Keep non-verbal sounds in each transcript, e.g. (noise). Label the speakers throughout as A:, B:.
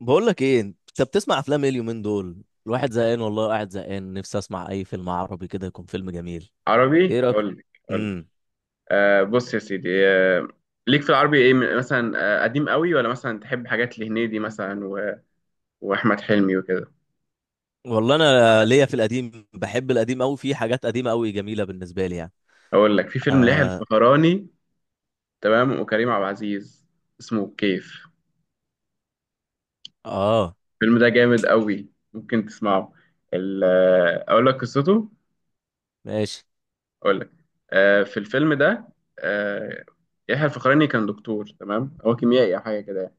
A: بقول لك ايه، انت بتسمع افلام ايه اليومين دول؟ الواحد زهقان والله، قاعد زهقان، نفسي اسمع اي فيلم عربي كده يكون فيلم جميل.
B: عربي،
A: ايه رايك؟
B: اقول لك.
A: امم
B: بص يا سيدي. ليك في العربي ايه، مثلا قديم قوي؟ ولا مثلا تحب حاجات لهنيدي مثلا واحمد حلمي وكده؟
A: والله انا ليا في القديم، بحب القديم قوي، في حاجات قديمه قوي جميله بالنسبه لي يعني.
B: اقول لك في فيلم ليحيى
A: اه.
B: الفخراني، تمام، وكريم عبد العزيز. اسمه الكيف.
A: اه.
B: الفيلم ده جامد قوي، ممكن تسمعه. ال... آه، اقول لك قصته.
A: ماشي.
B: اقول لك. في الفيلم ده، آه يحيى الفخراني كان دكتور، تمام، هو كيميائي او حاجه كده يعني.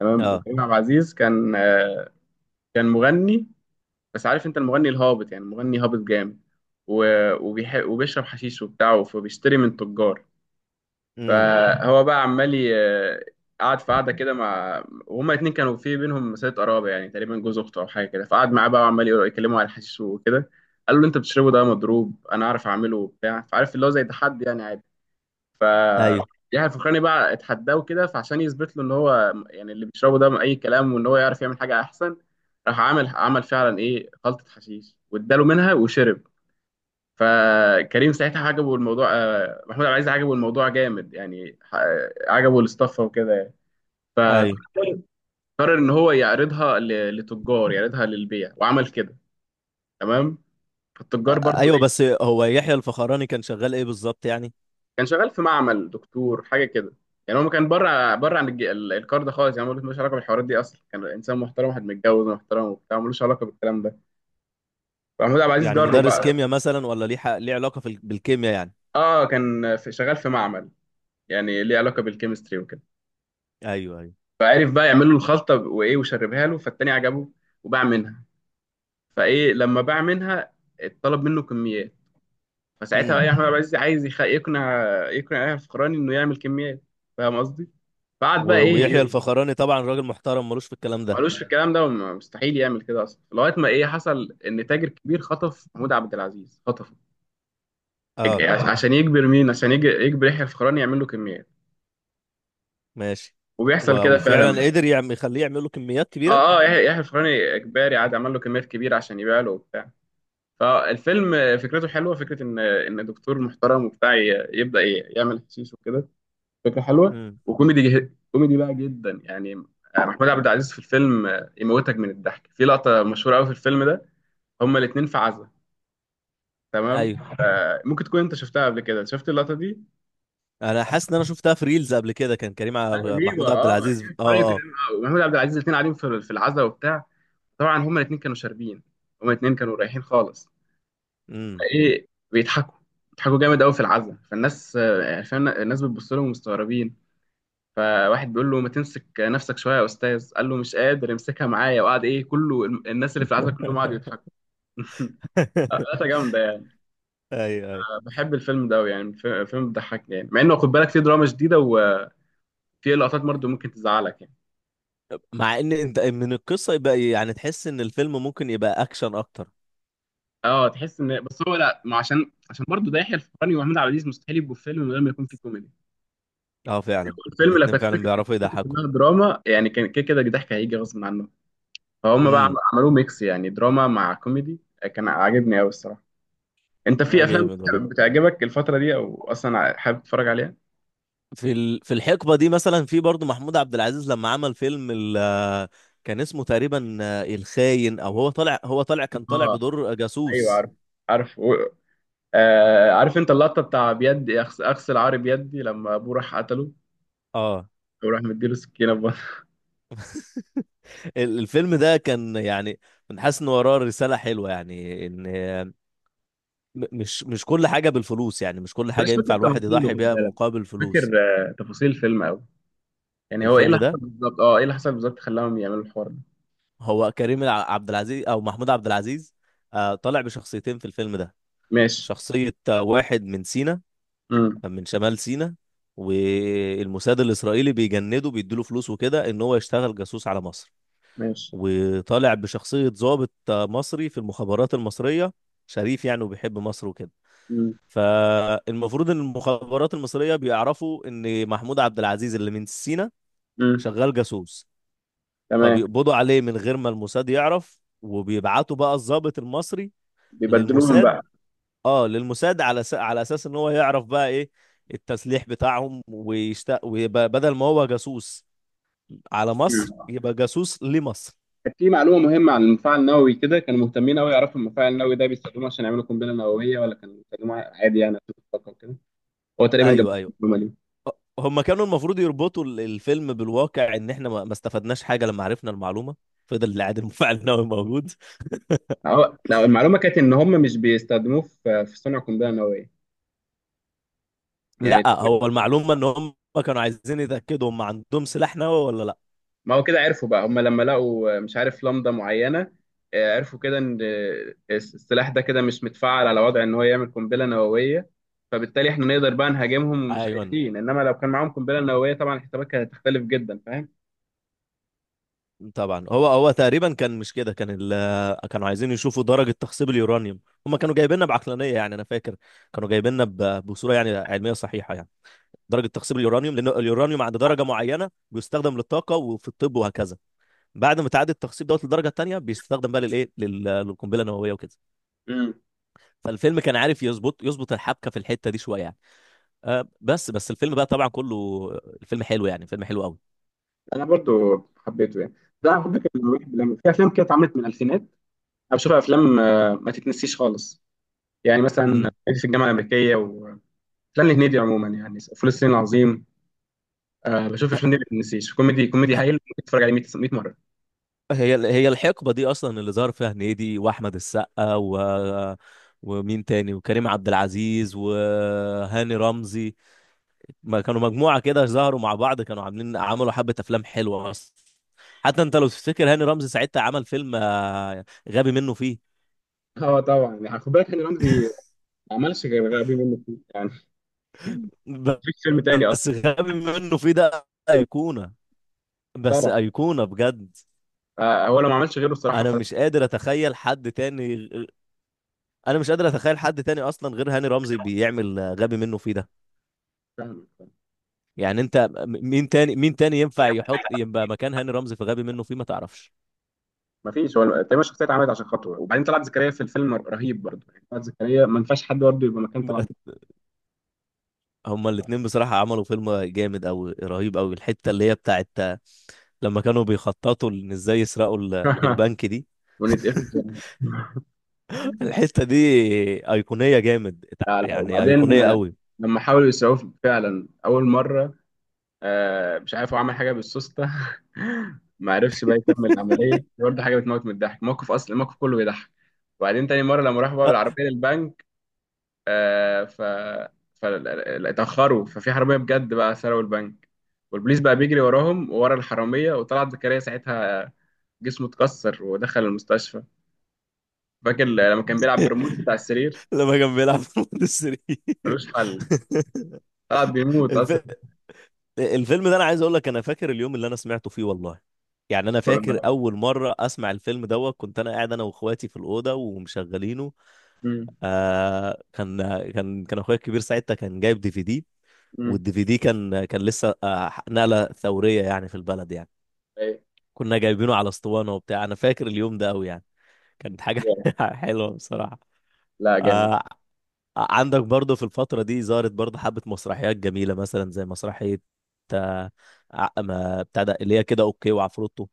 B: تمام.
A: اه.
B: وكريم عبد العزيز كان، كان مغني. بس عارف انت المغني الهابط؟ يعني مغني هابط جامد. و... وبيشرب حشيش وبتاعه، فبيشتري من تجار.
A: امم.
B: فهو بقى عمال قعد في قعده كده مع، وهما الاتنين كانوا في بينهم مسألة قرابه، يعني تقريبا جوز اخته او حاجه كده. فقعد معاه بقى وعمال يكلمه على الحشيش وكده. قال له انت بتشربه ده مضروب، انا عارف اعمله وبتاع، فعارف اللي هو زي تحدي يعني عادي. ف
A: ايوه،
B: يحيى الفخراني بقى اتحداه كده، فعشان يثبت له ان هو، يعني، اللي بيشربه ده اي كلام، وان هو يعرف يعمل حاجه احسن. راح عامل، عمل فعلا ايه، خلطه حشيش، واداله منها وشرب. فكريم ساعتها عجبه الموضوع، محمود عبد العزيز عجبه الموضوع جامد يعني، عجبه الاستفه وكده يعني. فقرر
A: ايوه.
B: ان هو يعرضها لتجار، يعرضها للبيع، وعمل كده، تمام. فالتجار
A: آه، آه،
B: برضو
A: ايوه، بس هو يحيى الفخراني كان شغال ايه بالظبط يعني؟
B: كان شغال في معمل دكتور حاجه كده، يعني هو ما كان بره بره عن الكار ده خالص، يعني هو ملوش علاقه بالحوارات دي اصلا. كان انسان محترم، واحد متجوز ومحترم وبتاع، ملوش علاقه بالكلام ده. فمحمود عبد العزيز
A: يعني
B: جره
A: مدرس
B: بقى.
A: كيمياء مثلا، ولا ليه ليه علاقه بالكيمياء يعني؟
B: اه، كان في، شغال في معمل، يعني ليه علاقه بالكيمستري وكده.
A: ايوه، ايوه.
B: فعرف بقى يعمل له الخلطه، وايه، وشربها له، فالتاني عجبه وباع منها. فايه، لما باع منها اتطلب منه كميات. فساعتها
A: امم.
B: بقى احمد عبد العزيز عايز يقنع يحيى الفخراني انه يعمل كميات. فاهم قصدي؟ فقعد بقى
A: ويحيى
B: ايه،
A: الفخراني طبعا راجل محترم، ملوش في الكلام ده.
B: ملوش في الكلام ده، وم- مستحيل يعمل كده اصلا، لغايه ما ايه حصل، ان تاجر كبير خطف محمود عبد العزيز، خطفه
A: اه.
B: عشان يجبر مين، يجبر يحيى الفخراني يعمل له كميات.
A: ماشي.
B: وبيحصل كده
A: وفعلا
B: فعلا.
A: قدر يعمل يخليه يعمل له كميات كبيره.
B: اه اه، يحيى الفخراني اجباري عاد عمل له كميات كبيره عشان يبيع له وبتاع. فالفيلم فكرته حلوه، فكره ان دكتور محترم وبتاع يعمل حشيش وكده. فكره حلوه،
A: امم.
B: وكوميدي كوميدي بقى جدا يعني. محمود عبد العزيز في الفيلم يموتك من الضحك في لقطه مشهوره قوي في الفيلم ده. هما الاثنين في عزا، تمام.
A: ايوه.
B: ممكن تكون انت شفتها قبل كده، شفت اللقطه دي.
A: انا حاسس ان انا شفتها في ريلز قبل كده، كان
B: رهيبه،
A: محمود عبد
B: اه،
A: العزيز.
B: يعني فعلا
A: اه،
B: كده،
A: اه.
B: ومحمود عبد العزيز الاثنين قاعدين في العزاء وبتاع. طبعا هما الاثنين كانوا شاربين، هما الاثنين كانوا رايحين خالص.
A: امم.
B: ايه، بيضحكوا، بيضحكوا جامد قوي في العزاء. فالناس، يعني فاهم، الناس بتبص لهم مستغربين. فواحد بيقول له ما تمسك نفسك شويه يا استاذ، قال له مش قادر امسكها معايا. وقعد ايه كله، الناس اللي في العزاء
A: (laughs)
B: كلهم قعدوا يضحكوا. (laughs) ثلاثه جامده يعني.
A: ايوه، ايوه.
B: بحب الفيلم ده أوي يعني، فيلم بيضحك يعني، مع انه خد بالك فيه دراما شديده، في لقطات برضه ممكن تزعلك يعني.
A: مع ان انت من القصه يبقى يعني تحس ان الفيلم ممكن يبقى اكشن اكتر.
B: اه، تحس ان، بس هو لا، ما عشان، برضه ده يحيى الفخراني ومحمود عبد العزيز، مستحيل يبقوا في فيلم من غير ما يكون في كوميدي.
A: اه، فعلا
B: الفيلم لو
A: الاتنين
B: كانت
A: فعلا
B: فكره، كانت
A: بيعرفوا
B: فكرة
A: يضحكوا.
B: كلها دراما يعني، كان كده كده الضحك هيجي غصب عنه. فهم بقى
A: امم.
B: عملوه ميكس يعني، دراما مع كوميدي، كان عاجبني قوي الصراحه. انت في
A: لا،
B: افلام
A: جامد والله.
B: بتعجبك الفتره دي، او اصلا حابب تتفرج عليها؟
A: في الحقبه دي مثلا، في برضو محمود عبد العزيز لما عمل فيلم ال... آه، كان اسمه تقريبا الخاين، او هو طالع كان طالع
B: اه،
A: بدور
B: ايوه
A: جاسوس.
B: عارف، عارف. و... آه عارف انت اللقطه بتاع بيدي، اغسل عاري بيدي، لما ابوه راح قتله
A: اه.
B: وراح مديله سكينه في بطنه.
A: الفيلم ده كان يعني، من حاسس ان وراه رسالة حلوة يعني، ان مش كل حاجة بالفلوس، يعني مش كل حاجة
B: مش فاكر
A: ينفع الواحد
B: تفاصيله،
A: يضحي بيها مقابل
B: فاكر
A: فلوس.
B: تفاصيل الفيلم قوي. يعني هو ايه
A: الفيلم
B: اللي
A: ده،
B: حصل بالظبط، اه ايه اللي حصل بالظبط خلاهم يعملوا الحوار ده؟
A: هو كريم عبد العزيز او محمود عبد العزيز طالع بشخصيتين في الفيلم ده.
B: ماشي.
A: شخصية واحد من سينا،
B: امم.
A: من شمال سينا. والموساد الإسرائيلي بيجنده، بيديله فلوس وكده، ان هو يشتغل جاسوس على مصر.
B: ماشي.
A: وطالع بشخصية ضابط مصري في المخابرات المصرية، شريف يعني، وبيحب مصر وكده.
B: امم.
A: فالمفروض ان المخابرات المصريه بيعرفوا ان محمود عبد العزيز اللي من سينا
B: امم.
A: شغال جاسوس.
B: تمام.
A: فبيقبضوا عليه من غير ما الموساد يعرف، وبيبعتوا بقى الضابط المصري
B: بيبدلوهم
A: للموساد.
B: بقى.
A: اه، للموساد، على على اساس ان هو يعرف بقى ايه التسليح بتاعهم، ويبقى بدل ما هو جاسوس على مصر،
B: مم.
A: يبقى جاسوس لمصر.
B: كانت في معلومه مهمه عن المفاعل النووي كده، كانوا مهتمين قوي يعرفوا المفاعل النووي ده بيستخدموه عشان يعملوا قنبله نوويه، ولا كانوا بيستخدموه عادي يعني عشان الطاقه وكده. هو تقريبا جاب
A: ايوه، ايوه.
B: المعلومه دي.
A: هم كانوا المفروض يربطوا الفيلم بالواقع، ان احنا ما استفدناش حاجه لما عرفنا المعلومه. فضل العادل المفاعل النووي موجود.
B: لا، المعلومه كانت ان هم مش بيستخدموه في صنع قنبله نوويه يعني.
A: لا، هو المعلومة ان هم كانوا عايزين يتأكدوا هم عندهم سلاح نووي ولا لا.
B: ما هو كده عرفوا بقى، هم لما لقوا، مش عارف، لمضة معينة عرفوا كده ان السلاح ده كده مش متفعل على وضع ان هو يعمل قنبلة نووية. فبالتالي احنا نقدر بقى نهاجمهم ومش
A: ايوه.
B: خايفين، انما لو كان معاهم قنبلة نووية طبعا الحسابات كانت هتختلف جدا، فاهم.
A: طبعا هو تقريبا كان مش كده، كانوا عايزين يشوفوا درجة تخصيب اليورانيوم. هم كانوا جايبيننا بعقلانية يعني، انا فاكر كانوا جايبيننا بصورة يعني علمية صحيحة يعني. درجة تخصيب اليورانيوم، لان اليورانيوم عند درجة معينة بيستخدم للطاقة وفي الطب وهكذا. بعد ما تعدي التخصيب دوت للدرجة التانية، بيستخدم بقى للايه للقنبلة النووية وكده.
B: امم.
A: فالفيلم كان عارف يظبط الحبكة في الحتة دي شوية يعني. بس الفيلم بقى طبعا كله، الفيلم حلو يعني، فيلم حلو قوي.
B: انا برضو حبيته يعني. ده على فكره في افلام كده اتعملت من الالفينات، انا بشوف افلام ما تتنسيش خالص، يعني مثلا
A: امم.
B: صعيدي في الجامعه الامريكيه، وافلام الهنيدي عموما، يعني فول الصين العظيم. بشوف الافلام دي ما تتنسيش، كوميدي، كوميدي هايل، ممكن تتفرج عليه 100 مره.
A: هي الحقبه دي اصلا اللي ظهر فيها هنيدي، واحمد السقا، ومين تاني، وكريم عبد العزيز وهاني رمزي. ما كانوا مجموعه كده، ظهروا مع بعض، كانوا عملوا حبه افلام حلوه اصلا. حتى انت لو تفتكر، هاني رمزي ساعتها عمل فيلم غبي منه فيه.
B: اه طبعا يعني خد بالك، هاني رمزي ما عملش غير غبي منه فيه يعني،
A: ب-
B: مفيش فيلم تاني
A: بس
B: اصلا.
A: غبي منه فيه ده ايقونه، بس
B: طبعا.
A: ايقونه بجد.
B: آه، هو لو ما عملش غيره، الصراحه
A: انا
B: فلا.
A: مش قادر اتخيل حد تاني. انا مش قادر اتخيل حد تاني اصلا غير هاني رمزي بيعمل غبي منه فيه ده.
B: فاهم.
A: يعني انت مين تاني ينفع يحط يبقى مكان هاني رمزي في غبي منه فيه، ما تعرفش؟
B: مفيش، هو تقريبا الشخصيه اتعملت عشان خاطره. وبعدين طلعت زكريا في الفيلم رهيب برضه يعني، طلعت زكريا ما ينفعش حد برضه يبقى مكان طلعت
A: (laughs) هما الاتنين بصراحة عملوا فيلم جامد أوي، رهيب أوي. الحتة اللي هي بتاعت لما كانوا بيخططوا إن إزاي يسرقوا ال-
B: زكريا.
A: البنك دي.
B: (laughs)
A: (laughs)
B: ونتقفل.
A: الحتة دي أيقونية جامد،
B: لا لا،
A: يعني
B: وبعدين
A: أيقونية أوي.
B: لما حاولوا يسعوه فعلا اول مره، مش عارف هو عمل حاجه بالسوسته، (laughs) ما عرفش بقى يكمل العمليه برضه، حاجه بتموت من الضحك، موقف اصلا الموقف كله بيضحك. وبعدين تاني مره لما راحوا بقى
A: (laughs)
B: بالعربيه للبنك، آه ف ف اتاخروا، ففي حراميه بجد بقى سرقوا البنك، والبوليس بقى بيجري وراهم وورا الحراميه، وطلعت زكريا ساعتها جسمه اتكسر ودخل المستشفى. فاكر لما كان بيلعب بالريموت بتاع السرير،
A: لما كان بيلعب في السرير.
B: ملوش حل، طلع بيموت اصلا.
A: (laughs) الفيلم ده انا عايز اقول لك، انا فاكر اليوم اللي انا سمعته فيه والله. يعني انا
B: (laughs) ولا
A: فاكر
B: لا؟
A: اول مره اسمع الفيلم دوت، كنت انا قاعد انا واخواتي في الاوضه ومشغلينه.
B: مم.
A: آه كان كان اخويا الكبير ساعتها كان جايب DVD.
B: مم.
A: والدي في دي كان لسه نقله ثوريه يعني في البلد يعني. كنا جايبينه على اسطوانه وبتاع، انا فاكر اليوم ده قوي يعني، كانت حاجه
B: أيوة.
A: (laughs) حلوه بصراحه.
B: لا جامد.
A: آه عندك برضه في الفترة دي، ظهرت برضه حبة مسرحيات جميلة، مثلا زي مسرحية آه، ما بتاع ده اللي هي كده اوكي وعفروتو.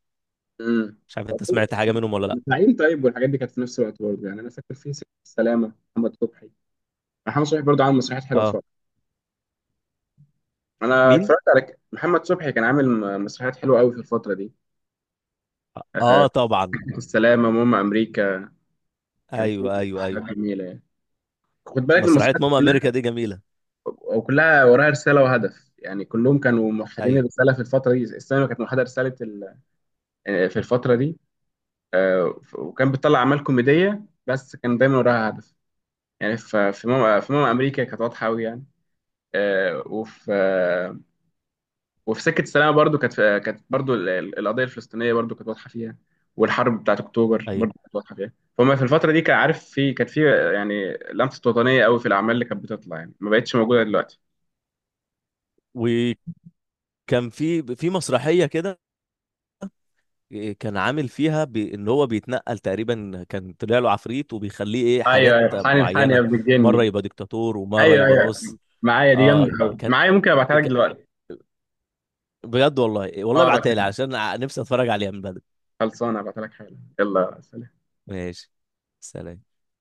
B: امم.
A: مش عارف انت سمعت حاجة منهم ولا لا.
B: الزعيم، طيب، والحاجات دي كانت في نفس الوقت برضه يعني. انا فاكر في سكه السلامه، محمد صبحي، محمد صبحي برضه عامل مسرحيات حلوه في
A: اه.
B: الفتره. انا
A: مين؟
B: اتفرجت على محمد صبحي، كان عامل مسرحيات حلوه قوي في الفتره دي. آه،
A: اه، طبعا.
B: سكه السلامه، ماما امريكا، كان في
A: ايوه، ايوه،
B: حاجات
A: ايوه.
B: جميله يعني. خد بالك
A: مسرحية
B: المسرحيات
A: ماما امريكا
B: كلها،
A: دي جميلة.
B: او كلها وراها رساله وهدف، يعني كلهم كانوا موحدين
A: ايوه،
B: الرساله في الفتره دي. السينما كانت موحده رساله ال... آه، في الفتره دي، وكان بتطلع اعمال كوميديه، بس كان دايما وراها هدف. يعني في ماما امريكا كانت واضحه قوي يعني، آه، وفي آه، وفي سكه السلام برضو كانت برضو القضيه الفلسطينيه برضو كانت واضحه فيها، والحرب بتاعت اكتوبر
A: ايوه.
B: برضو كانت واضحه فيها. فما في الفتره دي كان، عارف، في، كانت في يعني لمسه وطنيه قوي في الاعمال اللي كانت بتطلع يعني، ما بقتش موجوده دلوقتي.
A: وكان في مسرحية كده، كان عامل فيها بان هو بيتنقل تقريبا، كان طلع له عفريت وبيخليه ايه
B: ايوه
A: حاجات
B: ايوه، حاني الحاني يا
A: معينة.
B: ابن
A: مرة
B: الجني.
A: يبقى دكتاتور، ومرة
B: ايوه
A: يبقى
B: ايوه،
A: نص.
B: معايا دي جامده
A: اه.
B: قوي،
A: كان
B: معايا، ممكن ابعتها لك دلوقتي.
A: بجد، والله والله
B: اه ابعتها
A: ابعتها لي،
B: لك.
A: عشان نفسي اتفرج عليها من بدري.
B: خلصانه ابعتها لك حالا. يلا سلام.
A: ماشي. سلام.